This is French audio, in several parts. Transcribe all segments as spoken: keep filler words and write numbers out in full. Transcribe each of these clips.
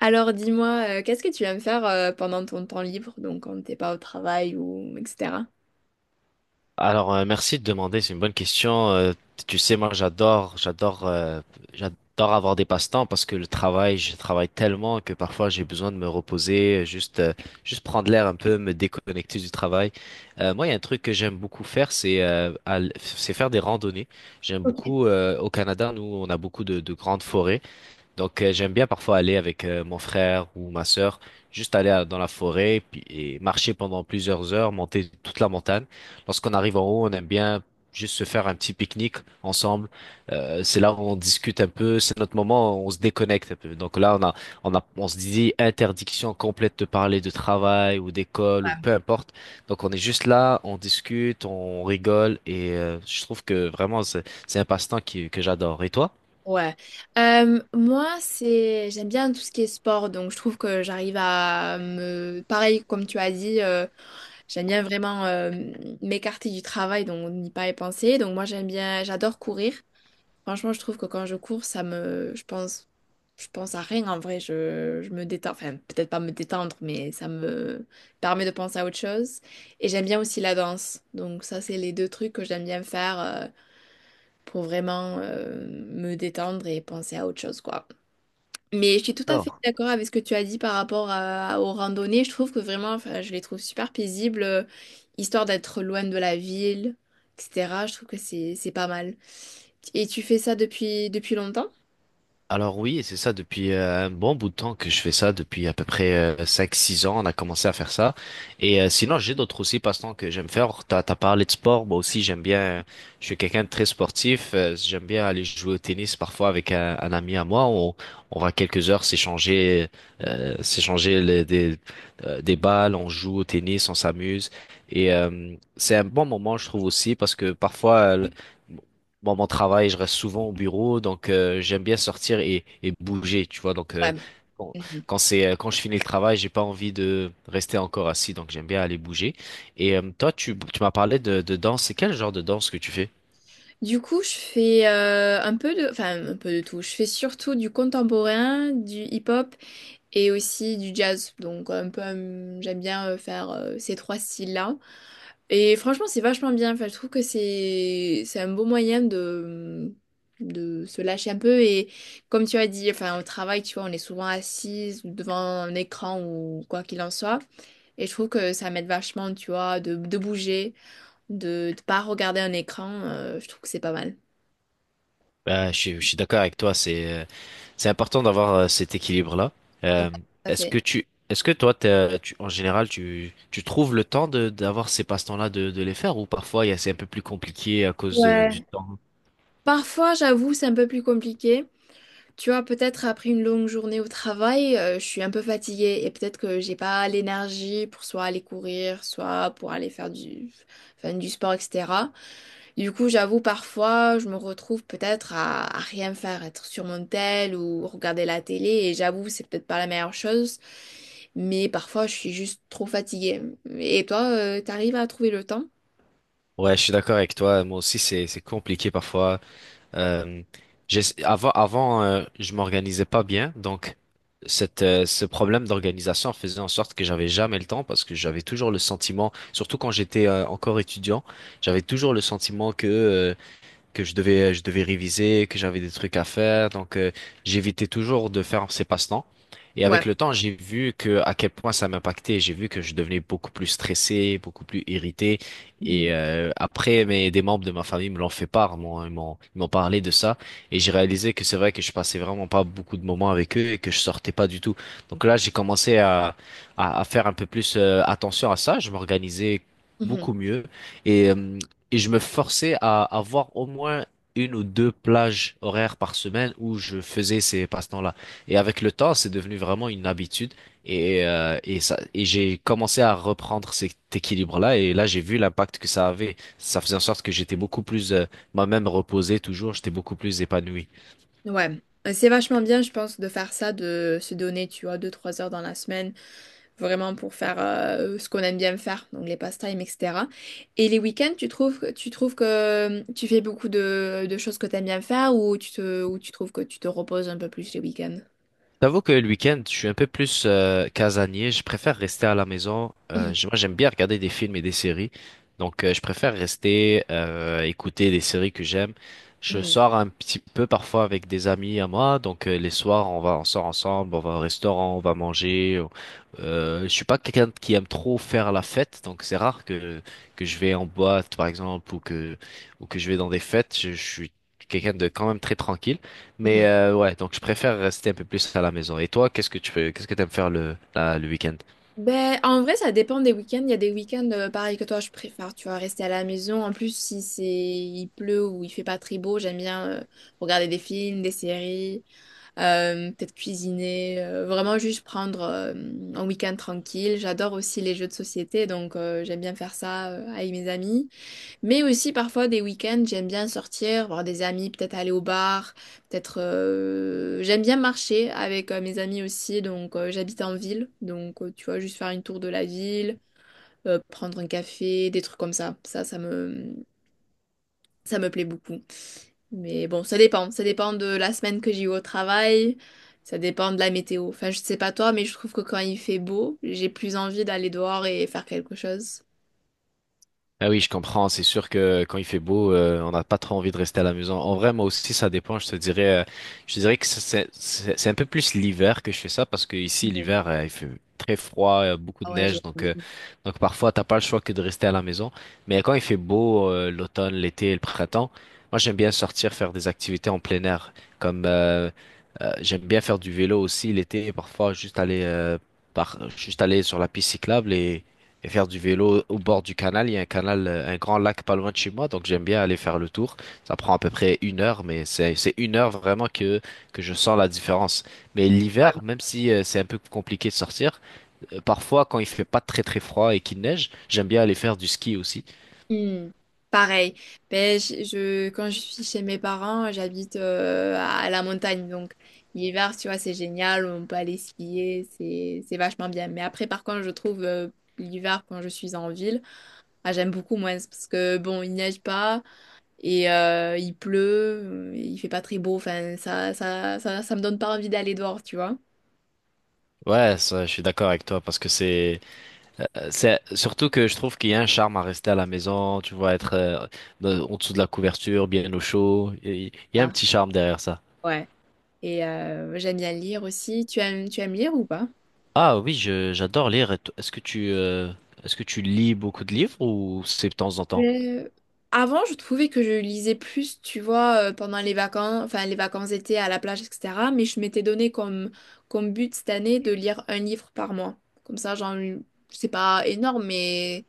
Alors dis-moi, euh, qu'est-ce que tu aimes faire euh, pendant ton temps libre, donc quand t'es pas au travail ou et cetera. Alors, euh, merci de demander, c'est une bonne question. Euh, tu sais, moi, j'adore, j'adore, euh, j'adore avoir des passe-temps parce que le travail, je travaille tellement que parfois j'ai besoin de me reposer, euh, juste, euh, juste prendre l'air un peu, me déconnecter du travail. Euh, moi, il y a un truc que j'aime beaucoup faire, c'est euh, al- c'est faire des randonnées. J'aime Ok. beaucoup. Euh, au Canada, nous, on a beaucoup de, de grandes forêts. Donc, euh, j'aime bien parfois aller avec euh, mon frère ou ma sœur, juste aller à- dans la forêt puis, et marcher pendant plusieurs heures, monter toute la montagne. Lorsqu'on arrive en haut, on aime bien juste se faire un petit pique-nique ensemble. Euh, c'est là où on discute un peu, c'est notre moment, où on se déconnecte un peu. Donc là, on a, on a, on se dit interdiction complète de parler de travail ou d'école ou peu importe. Donc on est juste là, on discute, on rigole et euh, je trouve que vraiment c'est c'est un passe-temps qui, que j'adore. Et toi? Ouais. Euh, moi, c'est j'aime bien tout ce qui est sport, donc je trouve que j'arrive à me pareil comme tu as dit, euh, j'aime bien vraiment euh, m'écarter du travail, donc n'y pas y penser. Donc moi j'aime bien, j'adore courir. Franchement, je trouve que quand je cours, ça me, je pense, je pense à rien en vrai. Je, je me détends, enfin peut-être pas me détendre, mais ça me permet de penser à autre chose. Et j'aime bien aussi la danse. Donc ça, c'est les deux trucs que j'aime bien faire euh, pour vraiment euh, me détendre et penser à autre chose, quoi. Mais je suis tout à fait d'accord avec ce que tu as dit par rapport à- aux randonnées. Je trouve que vraiment, enfin, je les trouve super paisibles, euh, histoire d'être loin de la ville, et cetera. Je trouve que c'est c'est pas mal. Et tu fais ça depuis depuis longtemps? Alors oui, et c'est ça depuis euh, un bon bout de temps que je fais ça, depuis à peu près euh, cinq, six ans, on a commencé à faire ça. Et euh, sinon, j'ai d'autres aussi passe-temps que j'aime faire. T'as, t'as parlé de sport, moi aussi j'aime bien. Euh, je suis quelqu'un de très sportif. Euh, j'aime bien aller jouer au tennis parfois avec un, un ami à moi. On, on va quelques heures s'échanger, euh, s'échanger les- des, euh, des balles, on joue au tennis, on s'amuse. Et euh, c'est un bon moment, je trouve aussi, parce que parfois... euh, bon, mon travail, je reste souvent au bureau, donc euh, j'aime bien sortir et, et bouger, tu vois. Donc euh, Vraiment. quand, Mhm. quand c'est euh, quand je finis le travail, j'ai pas envie de rester encore assis, donc j'aime bien aller bouger. Et euh, toi, tu, tu m'as parlé de, de danse. C'est quel genre de danse que tu fais? Du coup, je fais euh, un peu de, enfin un peu de tout. Je fais surtout du contemporain, du hip-hop et aussi du jazz. Donc un peu, hum, j'aime bien euh, faire euh, ces trois styles-là. Et franchement, c'est vachement bien. Enfin, je trouve que c'est c'est un beau moyen de de se lâcher un peu et comme tu as dit, enfin au travail, tu vois, on est souvent assise ou devant un écran ou quoi qu'il en soit. Et je trouve que ça m'aide vachement, tu vois, de, de bouger, de ne pas regarder un écran. Euh, je trouve que c'est pas mal. Bah, je, suis- je suis d'accord avec toi. C'est euh, c'est important d'avoir euh, cet équilibre-là. Donc, Euh, tout à est-ce fait. Que tu est-ce que toi, t'as- tu, en général, tu tu trouves le temps de d'avoir ces passe-temps-là de de les faire ou parfois il y a- c'est un peu plus compliqué à cause de- du Ouais. temps? Parfois, j'avoue, c'est un peu plus compliqué. Tu vois, peut-être après une longue journée au travail, euh, je suis un peu fatiguée et peut-être que j'ai pas l'énergie pour soit aller courir, soit pour aller faire du, enfin, du sport, et cetera. Du coup, j'avoue, parfois, je me retrouve peut-être à, à rien faire, être sur mon tel ou regarder la télé et j'avoue, c'est peut-être pas la meilleure chose, mais parfois, je suis juste trop fatiguée. Et toi, euh, t'arrives à trouver le temps? Ouais, je suis d'accord avec toi. Moi aussi, c'est c'est compliqué parfois. Euh, j'ess- avant avant, euh, je m'organisais pas bien, donc cette euh, ce problème d'organisation faisait en sorte que j'avais jamais le temps parce que j'avais toujours le sentiment, surtout quand j'étais euh, encore étudiant, j'avais toujours le sentiment que euh, que je devais, je devais réviser, que j'avais des trucs à faire. Donc, euh, j'évitais toujours de faire ces passe-temps. Et Ouais. avec le temps, j'ai vu que à quel point ça m'impactait. J'ai vu que je devenais beaucoup plus stressé, beaucoup plus irrité. Mhm. Et euh, après, mais des membres de ma famille me l'ont fait part, m'ont, ils m'ont, ils m'ont parlé de ça. Et j'ai réalisé que c'est vrai que je passais vraiment pas beaucoup de moments avec eux et que je sortais pas du tout. Donc là, j'ai commencé à, à, à faire un peu plus euh, attention à ça. Je m'organisais Mhm. beaucoup mieux. Et euh, et je me forçais à avoir au moins une ou deux plages horaires par semaine où je faisais ces passe-temps-là. Et avec le temps, c'est devenu vraiment une habitude. Et, euh, et ça, et j'ai commencé à reprendre cet équilibre-là. Et là, j'ai vu l'impact que ça avait. Ça faisait en sorte que j'étais beaucoup plus, euh, moi-même reposé toujours. J'étais beaucoup plus épanoui. Ouais. Euh, C'est vachement bien, je pense, de faire ça, de se donner, tu vois, deux trois heures dans la semaine, vraiment pour faire euh, ce qu'on aime bien faire, donc les pastimes, et cetera. Et les week-ends, tu trouves, que- tu trouves que euh, tu fais beaucoup de, de choses que tu aimes bien faire ou tu te, ou tu trouves que tu te reposes un peu plus les week-ends? J'avoue que le week-end, je suis un peu plus euh, casanier. Je préfère rester à la maison. Euh, Mhm, je- Moi, j'aime bien regarder des films et des séries. Donc, euh, je préfère rester, euh, écouter des séries que j'aime. Je mhm, sors un petit peu parfois avec des amis à moi. Donc, euh, les soirs, on va, on sort ensemble, on va au restaurant, on va manger. Euh, je suis pas quelqu'un qui aime trop faire la fête. Donc, c'est rare que que je vais en boîte, par exemple, ou que ou que je vais dans des fêtes. je je suis quelqu'un de quand même très tranquille. Mais mhm. euh, ouais, donc je préfère rester un peu plus à la maison. Et toi, qu'est-ce que tu fais, qu'est-ce que t'aimes faire le, la- le week-end? Ben, en vrai, ça dépend des week-ends. Il y a des week-ends, euh, pareil que toi, je préfère, tu vois, rester à la maison. En plus, si c'est, il pleut ou il fait pas très beau, j'aime bien euh, regarder des films, des séries. Euh, peut-être cuisiner, euh, vraiment juste prendre euh, un week-end tranquille. J'adore aussi les jeux de société, donc euh, j'aime bien faire ça euh, avec mes amis. Mais aussi parfois des week-ends, j'aime bien sortir, voir des amis, peut-être aller au bar, peut-être... euh, j'aime bien marcher avec euh, mes amis aussi, donc euh, j'habite en ville, donc euh, tu vois, juste faire une tour de la ville, euh, prendre un café, des trucs comme ça. Ça, ça me... Ça me plaît beaucoup. Mais bon, ça dépend. Ça dépend de la semaine que j'ai eu au travail. Ça dépend de la météo. Enfin, je sais pas toi, mais je trouve que quand il fait beau, j'ai plus envie d'aller dehors et faire quelque chose. Ah oui, je comprends. C'est sûr que quand il fait beau, euh, on n'a pas trop envie de rester à la maison. En vrai, moi aussi, ça dépend. Je te dirais, euh, je te dirais que ça, c'est c'est- c'est un peu plus l'hiver que je fais ça parce que ici, Ouais. l'hiver, euh, il fait très froid, euh, beaucoup de Ah ouais, j'ai neige, donc envie. euh, donc parfois, t'as pas le choix que de rester à la maison. Mais quand il fait beau, euh, l'automne, l'été, et le printemps, moi, j'aime bien sortir faire des activités en plein air, comme euh, euh, j'aime bien faire du vélo aussi l'été, parfois juste aller euh, par, juste aller sur la piste cyclable et et faire du vélo au bord du canal. Il y a un canal, euh, un grand lac pas loin de chez moi, donc j'aime bien aller faire le tour. Ça prend à peu près une heure, mais c'est c'est une heure vraiment que que je sens la différence. Mais Ouais. l'hiver, même si euh, c'est un peu compliqué de sortir, euh, parfois quand il fait pas très très froid et qu'il neige, j'aime bien aller faire du ski aussi. Hmm. Pareil. Ben, je, je- quand je suis chez mes parents, j'habite euh, à la montagne. Donc, l'hiver, tu vois, c'est génial. On peut aller skier. C'est, c'est vachement bien. Mais après, par contre, je trouve euh, l'hiver, quand je suis en ville, ah, j'aime beaucoup moins. Parce que, bon, il neige pas. Et euh, il pleut, euh, il fait pas très beau, enfin ça, ça, ça, ça me donne pas envie d'aller dehors, tu vois. Ouais, ça, je suis d'accord avec toi parce que c'est euh, c'est surtout que je trouve qu'il y a un charme à rester à la maison, tu vois, être euh, dans- en dessous de la couverture, bien au chaud. Il il y a un Ah. petit charme derrière ça. Ouais. Et euh, j'aime bien lire aussi. Tu aimes, tu aimes lire ou pas? Ah oui, je- j'adore lire. Et to- Est-ce que tu, euh, est-ce que tu lis beaucoup de livres ou c'est de temps en temps? Euh, Avant, je trouvais que je lisais plus, tu vois, euh, pendant les vacances, enfin les vacances d'été à la plage, et cetera. Mais je m'étais donné comme, comme but cette année de lire un livre par mois. Comme ça, j'en, c'est pas énorme, mais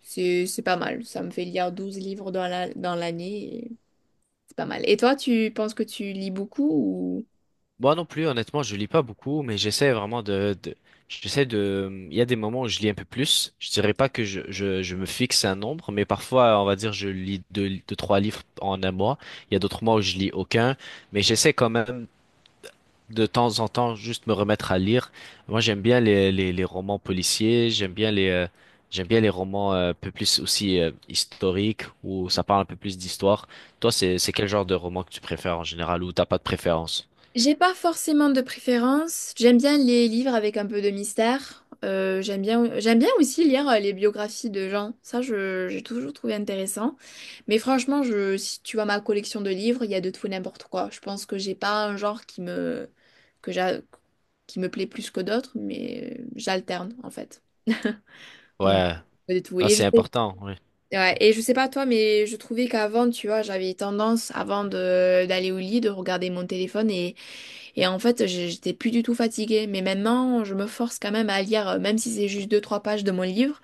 c'est, c'est pas mal. Ça me fait lire douze livres dans la, dans l'année. C'est pas mal. Et toi, tu penses que tu lis beaucoup ou... Moi non plus, honnêtement, je lis pas beaucoup, mais j'essaie vraiment de, de- j'essaie de, il y a des moments où je lis un peu plus. Je dirais pas que je, je, je me fixe un nombre, mais parfois, on va dire, je lis deux, deux, trois livres en un mois. Il y a d'autres mois où je lis aucun, mais j'essaie quand même de temps en temps juste me remettre à lire. Moi, j'aime bien les, les, les romans policiers, j'aime bien les euh, j'aime bien les romans euh, un peu plus aussi euh, historiques où ça parle un peu plus d'histoire. Toi, c'est c'est quel genre de roman que tu préfères en général ou t'as pas de préférence? J'ai pas forcément de préférence. J'aime bien les livres avec un peu de mystère. Euh, j'aime bien, j'aime bien aussi lire euh, les biographies de gens. Ça, je, j'ai toujours trouvé intéressant. Mais franchement, je, si tu vois ma collection de livres, il y a de tout et n'importe quoi. Je pense que j'ai pas un genre qui me, que j'a- qui me plaît plus que d'autres, mais euh, j'alterne en fait. Donc, Ouais, de tout. là Et je c'est sais. important. oui. Ouais, et je sais pas toi, mais je trouvais qu'avant, tu vois, j'avais tendance, avant de d'aller au lit, de regarder mon téléphone et, et en fait, j'- j'étais plus du tout fatiguée. Mais maintenant, je me force quand même à lire, euh, même si c'est juste deux, trois pages de mon livre,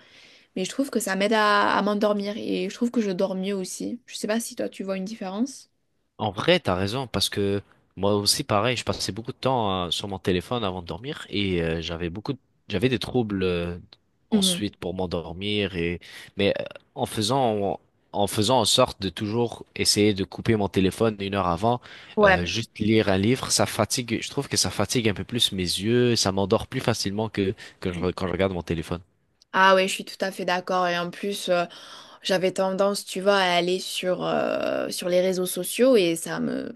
mais je trouve que ça m'aide à, à m'endormir et je trouve que je dors mieux aussi. Je sais pas si toi, tu vois une différence. En vrai, t'as raison, parce que moi aussi, pareil, je passais beaucoup de temps euh, sur mon téléphone avant de dormir et euh, j'avais beaucoup, de- j'avais des troubles euh, Mhm. ensuite pour m'endormir et mais euh, en faisant en faisant en sorte de toujours essayer de couper mon téléphone une heure avant, euh, Ouais. juste lire un livre, ça fatigue. Je trouve que ça fatigue un peu plus mes yeux, ça m'endort plus facilement que que je- quand je regarde mon téléphone. Ah oui, je suis tout à fait d'accord. Et en plus, euh, j'avais tendance, tu vois, à aller sur, euh, sur les réseaux sociaux et ça me,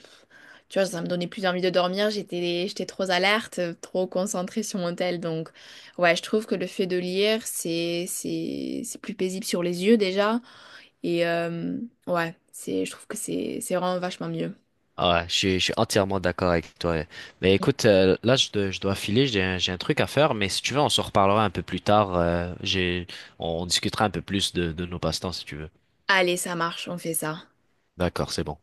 tu vois, ça me donnait plus envie de dormir. J'étais, j'étais trop alerte, trop concentrée sur mon tel. Donc, ouais, je trouve que le fait de lire, c'est, c'est, c'est plus paisible sur les yeux déjà. Et euh, ouais, c'est, je trouve que c'est, c'est vraiment vachement mieux. Ah Ouais, je suis, je suis entièrement d'accord avec toi. Mais écoute, euh, là, je, dois- je dois filer, j'ai un, j'ai un truc à faire, mais si tu veux, on se reparlera un peu plus tard. Euh, j'ai, on discutera un peu plus de, de nos passe-temps, si tu veux. Allez, ça marche, on fait ça. D'accord, c'est bon.